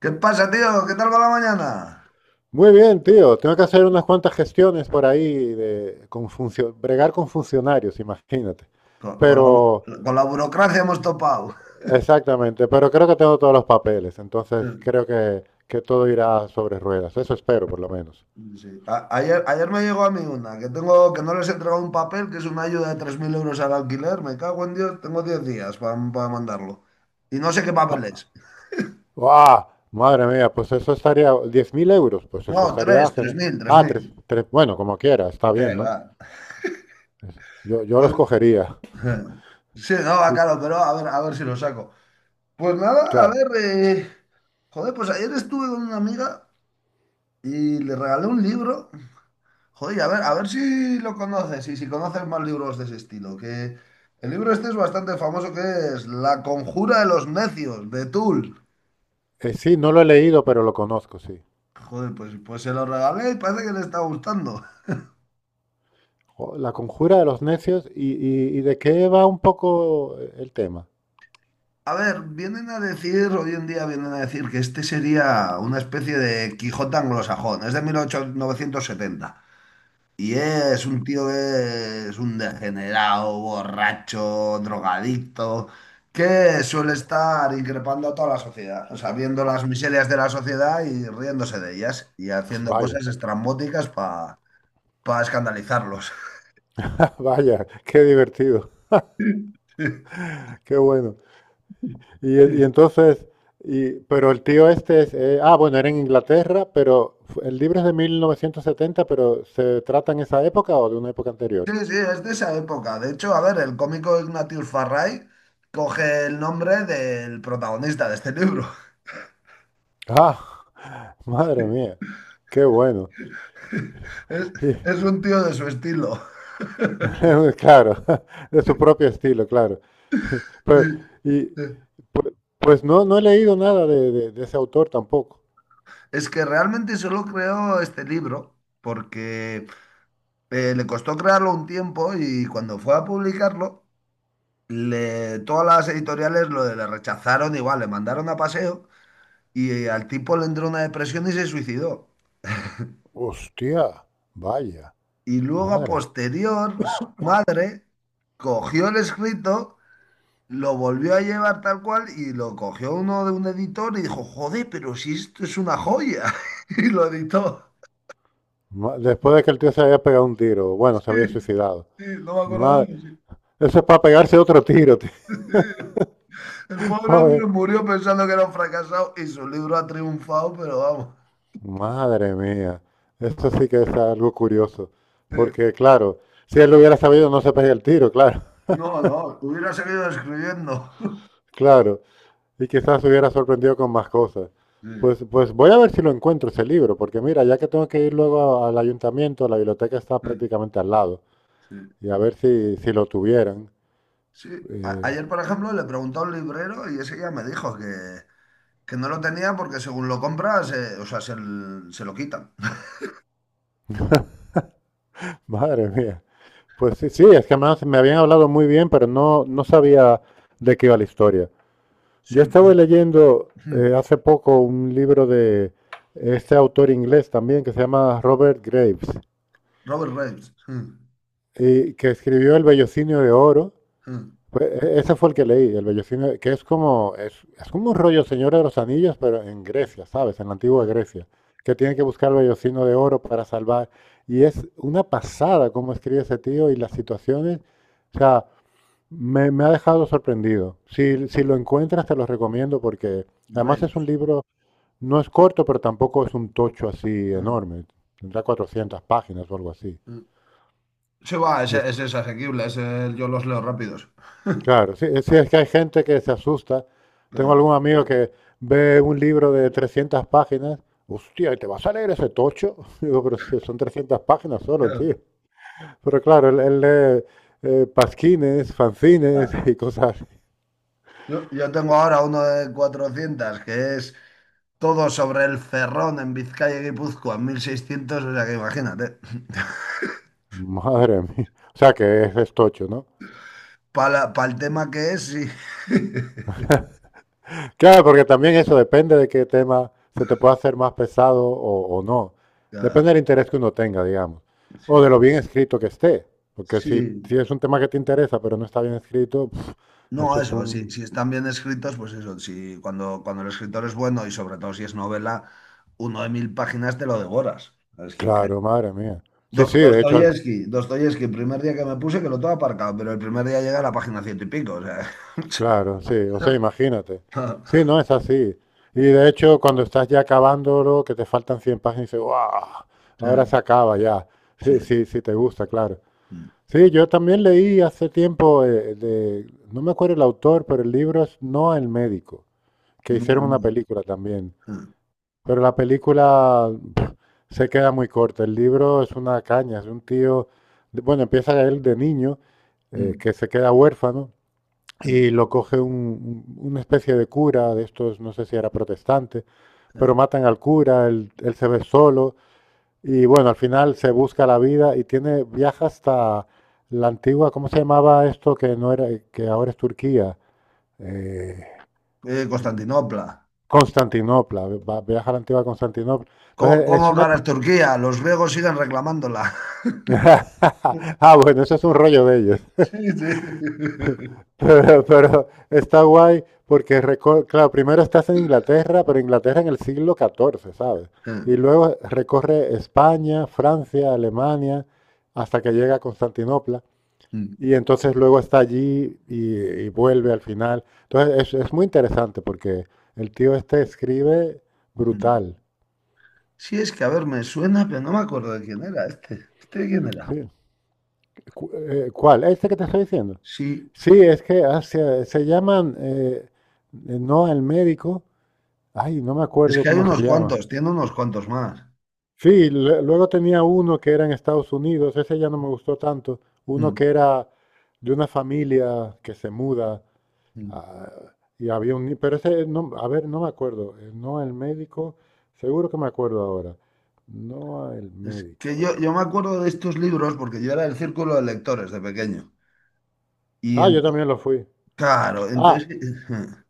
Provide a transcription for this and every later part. ¿Qué pasa, tío? ¿Qué tal va la mañana? Muy bien, tío. Tengo que hacer unas cuantas gestiones por ahí bregar con funcionarios, imagínate. Con la, bu- Pero, con la burocracia hemos topado. Exactamente, pero creo que tengo todos los papeles, entonces creo que todo irá sobre ruedas. Eso espero, por lo menos. Sí. Ayer me llegó a mí una, que tengo, que no les he entregado un papel, que es una ayuda de 3.000 euros al alquiler. Me cago en Dios, tengo 10 días para mandarlo. Y no sé qué papel Ah, es. ¡guau! Madre mía, pues eso estaría, 10.000 euros, pues No, eso estaría tres tres genial. mil tres Ah, tres, mil. tres, bueno, como quiera, está ¿Qué bien, ¿no? va? Yo Pues, los cogería. sí, no, va, Y, claro, pero a ver, si lo saco. Pues nada, a claro, ver, joder, pues ayer estuve con una amiga y le regalé un libro. Joder, a ver si lo conoces y si conoces más libros de ese estilo. Que el libro este es bastante famoso, que es La conjura de los necios, de Tull. Sí, no lo he leído, pero lo conozco, sí. Joder, pues, pues se lo regalé y parece que le está gustando. Jo, La conjura de los necios y de qué va un poco el tema. A ver, vienen a decir, hoy en día vienen a decir que este sería una especie de Quijote anglosajón, es de 1970. Y es un tío que es un degenerado, borracho, drogadicto, que suele estar increpando a toda la sociedad, o sea, viendo las miserias de la sociedad y riéndose de ellas y haciendo Vaya, cosas estrambóticas para escandalizarlos. vaya, qué divertido, qué bueno. Y entonces, pero el tío este es, bueno, era en Inglaterra, pero el libro es de 1970, pero ¿se trata en esa época o de una época anterior? Sí, sí, es de esa época. De hecho, a ver, el cómico Ignatius Farray coge el nombre del protagonista de este libro. Ah, madre mía, qué bueno. Es, Y, es un tío de su estilo. claro, de su propio estilo, claro. Sí, Pero, y, sí. Pues no, no he leído nada de ese autor tampoco. Es que realmente solo creó este libro porque le costó crearlo un tiempo y cuando fue a publicarlo, todas las editoriales lo le rechazaron, igual le mandaron a paseo y al tipo le entró una depresión y se suicidó. Hostia, vaya, Y luego, a madre. posterior, su madre cogió el escrito, lo volvió a llevar tal cual, y lo cogió uno de un editor y dijo, joder, pero si esto es una joya. Y lo editó. Después de que el tío se había pegado un tiro, bueno, se Sí, había suicidado. sí, no me acuerdo cómo. Madre, Sí. eso es para pegarse otro tiro, tío. El pobre Joder, hombre murió pensando que era un fracasado y su libro ha triunfado, pero vamos. madre mía. Esto sí que es algo curioso. eh, Porque, claro, si él lo hubiera sabido, no se pega el tiro, claro, no, no, hubiera seguido escribiendo. claro. Y quizás se hubiera sorprendido con más cosas. Sí, Pues voy a ver si lo encuentro ese libro, porque mira, ya que tengo que ir luego al ayuntamiento, la biblioteca está sí, prácticamente al lado, sí. y a ver si lo tuvieran. Sí. A- Eh, ayer, por ejemplo, le pregunté a un librero y ese ya me dijo que no lo tenía porque, según lo compras, o sea, se lo quitan. Madre mía. Pues sí, sí, es que además me habían hablado muy bien, pero no, no sabía de qué iba la historia. Sí, Yo pues, estaba leyendo mm, hace poco un libro de este autor inglés también que se llama Robert Graves, Robert Graves. Mm, y que escribió El Bellocinio de Oro. mm, Pues, ese fue el que leí, El Bellocinio, que es como, es como un rollo Señora de los Anillos, pero en mm, Grecia, ¿sabes? En la antigua mm, Grecia, que tiene que buscar el Bellocino de Oro para salvar. Y es una pasada cómo escribe ese tío y las situaciones. O sea, me ha dejado sorprendido. Si lo encuentras, te lo recomiendo porque además es un Graves. libro, no es corto, pero tampoco es un tocho así Mm, enorme. Tendrá 400 páginas o algo así. mm. Sí, va, Y ese, es- ese es asequible, ese yo los leo rápidos. claro, sí, sí, es que hay gente que se asusta. Tengo Claro, algún amigo que ve un libro de 300 páginas. Hostia, ¿y te vas a leer ese tocho? Digo, pero si son 300 páginas solo, tío. Pero claro, él lee pasquines, fanzines claro. y cosas. Así. Yo tengo ahora uno de 400, que es todo sobre el ferrón en Vizcaya y Guipúzcoa, 1600, o sea que imagínate. Madre mía. O sea que es tocho, ¿no? Para el tema que es, sí. Claro, porque también eso depende de qué tema se te pueda hacer más pesado o no. Ya. Depende del interés que uno tenga, digamos, o de lo Sí. bien escrito que esté. Porque si, si Sí. es un tema que te interesa, pero no está bien escrito, No, eso es eso, si un... si están bien escritos, pues eso, si cuando el escritor es bueno y sobre todo si es novela, uno de 1000 páginas te lo devoras. Es que Claro, madre mía. Sí, Do- sí, de hecho, Dostoyevsky, Dostoyevsky, primer día que me puse, que lo tengo aparcado, pero el primer día llega a la página ciento y pico. O sea. claro, sí. O sea, imagínate. Sí, no es así. Y de hecho, cuando estás ya acabándolo, que te faltan 100 páginas, dices, ¡guau! Ahora se Sí. acaba ya. Sí. Sí, sí, sí, te gusta, claro. Mm. Sí, yo también leí hace tiempo no me acuerdo el autor, pero el libro es No el médico, que hicieron Madre una mía. película también. Ah, Pero la película se queda muy corta. El libro es una caña, es un tío, bueno, empieza él de niño, mm, que se queda huérfano y ah, lo coge una especie de cura de estos, no sé si era protestante, pero ah. matan al cura, él se ve solo y bueno, al final se busca la vida y tiene, viaja hasta la antigua, ¿cómo se llamaba esto que no era, que ahora es Turquía? Eh, Constantinopla. Constantinopla, viaja a la antigua Constantinopla. ¿Cómo, Entonces es cómo una... ganas Turquía? Los griegos siguen reclamándola. Ah, bueno, eso es un rollo de ellos. Sí, sí. Pero está guay porque, claro, primero estás en Inglaterra, pero Inglaterra en el siglo XIV, ¿sabes? Ah, Y luego recorre España, Francia, Alemania, hasta que llega a Constantinopla. mm, Y entonces luego está allí y vuelve al final. Entonces es muy interesante porque el tío este escribe mm. brutal. Sí, es que a ver, me suena, pero no me acuerdo de quién era este. ¿Este de quién era? Sí. ¿Cuál? ¿Este que te estoy diciendo? Sí, Sí, es que se llaman, no al médico, ay, no me es acuerdo que hay cómo se unos llama. cuantos, tiene unos cuantos más. Sí, luego tenía uno que era en Estados Unidos, ese ya no me gustó tanto, uno Mm, que era de una familia que se muda. mm. Ah, y había un... Pero ese, no, a ver, no me acuerdo. No el médico, seguro que me acuerdo ahora. No el Es médico, que a yo, ver. yo me acuerdo de estos libros porque yo era del círculo de lectores de pequeño. Y Ah, yo entonces, también lo fui. claro, Ah, entonces.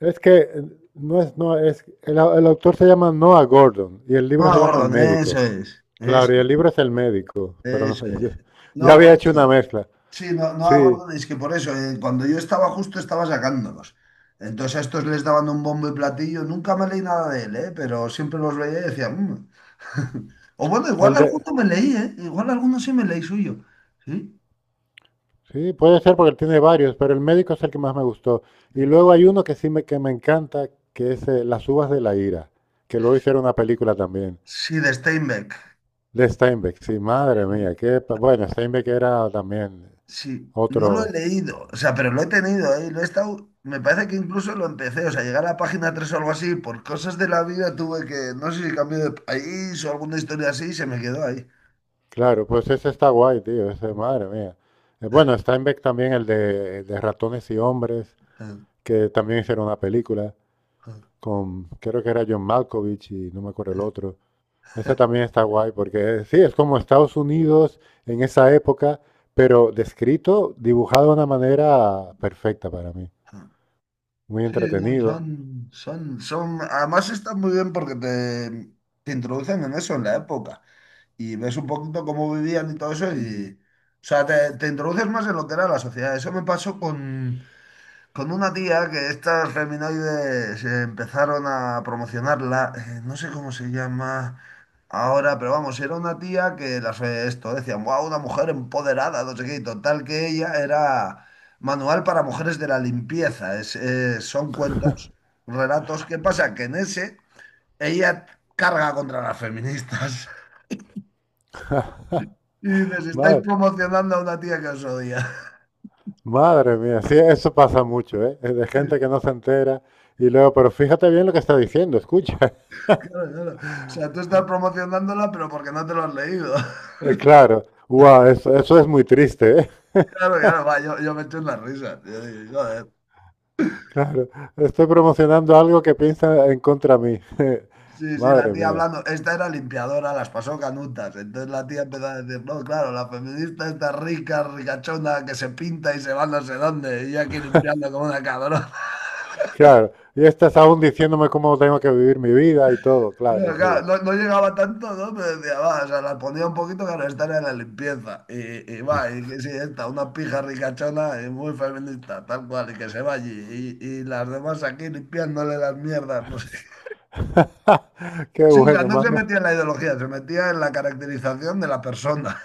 es que no es, no es, el autor se llama Noah Gordon y el No, libro se llama El Gordon, eso médico. es. Claro, y Ese. el libro es El médico, pero Eso no, es. yo, yo No, por había hecho una eso. mezcla. Sí, no, no Sí, hago. Es que por eso, cuando yo estaba, justo estaba sacándolos. Entonces a estos les daban un bombo y platillo. Nunca me leí nada de él, ¿eh? Pero siempre los veía y decía, "Mm". O bueno, igual el de, alguno me leí, ¿eh? Igual alguno sí me leí suyo. Sí, sí, puede ser porque tiene varios, pero el médico es el que más me gustó. Y luego hay uno que sí me, que me encanta, que es Las uvas de la ira, que luego hicieron una película también, sí, de Steinbeck. de Steinbeck. Sí, madre Sí. mía, que bueno, Steinbeck era también Sí, no lo he otro, leído, o sea, pero lo he tenido ahí, lo he estado, me parece que incluso lo empecé, o sea, llegar a la página 3 o algo así, por cosas de la vida tuve que, no sé si cambio de país o alguna historia así, y se me quedó ahí. claro, pues ese está guay, tío, ese, madre mía. Bueno, Steinbeck también el de Ratones y Hombres, que también hicieron una película con, creo que era John Malkovich y no me acuerdo el otro. Esa también está guay porque sí, es como Estados Unidos en esa época, pero descrito, dibujado de una manera perfecta para mí. Muy Sí, no, entretenido. son, además están muy bien porque te introducen en eso, en la época, y ves un poquito cómo vivían y todo eso, y, o sea, te introduces más en lo que era la sociedad. Eso me pasó con una tía que estas feminoides empezaron a promocionarla, no sé cómo se llama ahora, pero vamos, era una tía que las esto decían, wow, una mujer empoderada, no sé qué, y total, que ella era manual para mujeres de la limpieza. Es, son cuentos, relatos. ¿Qué pasa? Que en ese ella carga contra las feministas. Y dices, estáis Madre, promocionando a una tía que os odia. madre mía, sí, eso pasa mucho, ¿eh? Es de gente que no se entera y luego, pero fíjate bien lo que está diciendo, escucha. Claro, claro. O sea, tú estás promocionándola, pero porque no te lo has leído. Claro, wow, eso es muy triste, ¿eh? Claro, claro, va, yo me eché unas risas. Yo digo, joder. Claro, estoy promocionando algo que piensa en contra mí. Sí, sí, la Madre tía mía. hablando, esta era limpiadora, las pasó canutas. Entonces la tía empezó a decir, no, claro, la feminista está rica, ricachona, que se pinta y se va no sé dónde, y yo aquí limpiando como una cabrona. Claro, y estás aún diciéndome cómo tengo que vivir mi vida y todo, claro, Claro, sí. claro, no, no llegaba tanto, ¿no? Pero decía, va, o sea, la ponía un poquito, claro, esta era la limpieza. Y va, y que sí, esta, una pija ricachona y muy feminista, tal cual, y que se va allí. Y las demás aquí limpiándole las mierdas, no sé. Qué Sí, o sea, bueno, no se mano. metía en la ideología, se metía en la caracterización de la persona.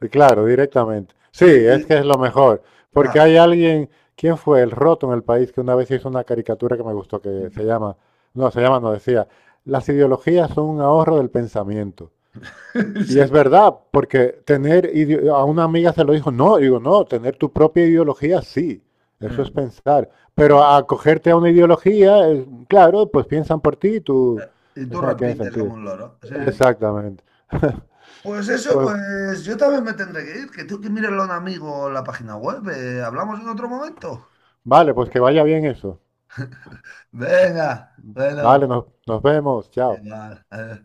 Sí, claro, directamente. Sí, Sí, es que es lo mejor. Porque claro. hay alguien, ¿quién fue el roto en el país que una vez hizo una caricatura que me gustó, que se llama, no decía, las ideologías son un ahorro del pensamiento? Y es Sí, verdad, porque a una amiga se lo dijo, no, digo, no, tener tu propia ideología, sí, sí, eso es pensar. Pero claro. acogerte a una ideología, claro, pues piensan por ti y tú, y tú eso no tiene repites sentido. como un loro. Sí, sí. Exactamente. Pues eso, Pues pues yo también me tendré que ir, que tú que mírelo a un amigo la página web. Hablamos en otro momento. Vale, pues que vaya bien eso. Venga, bueno, Vale, nos vemos. Chao. igual.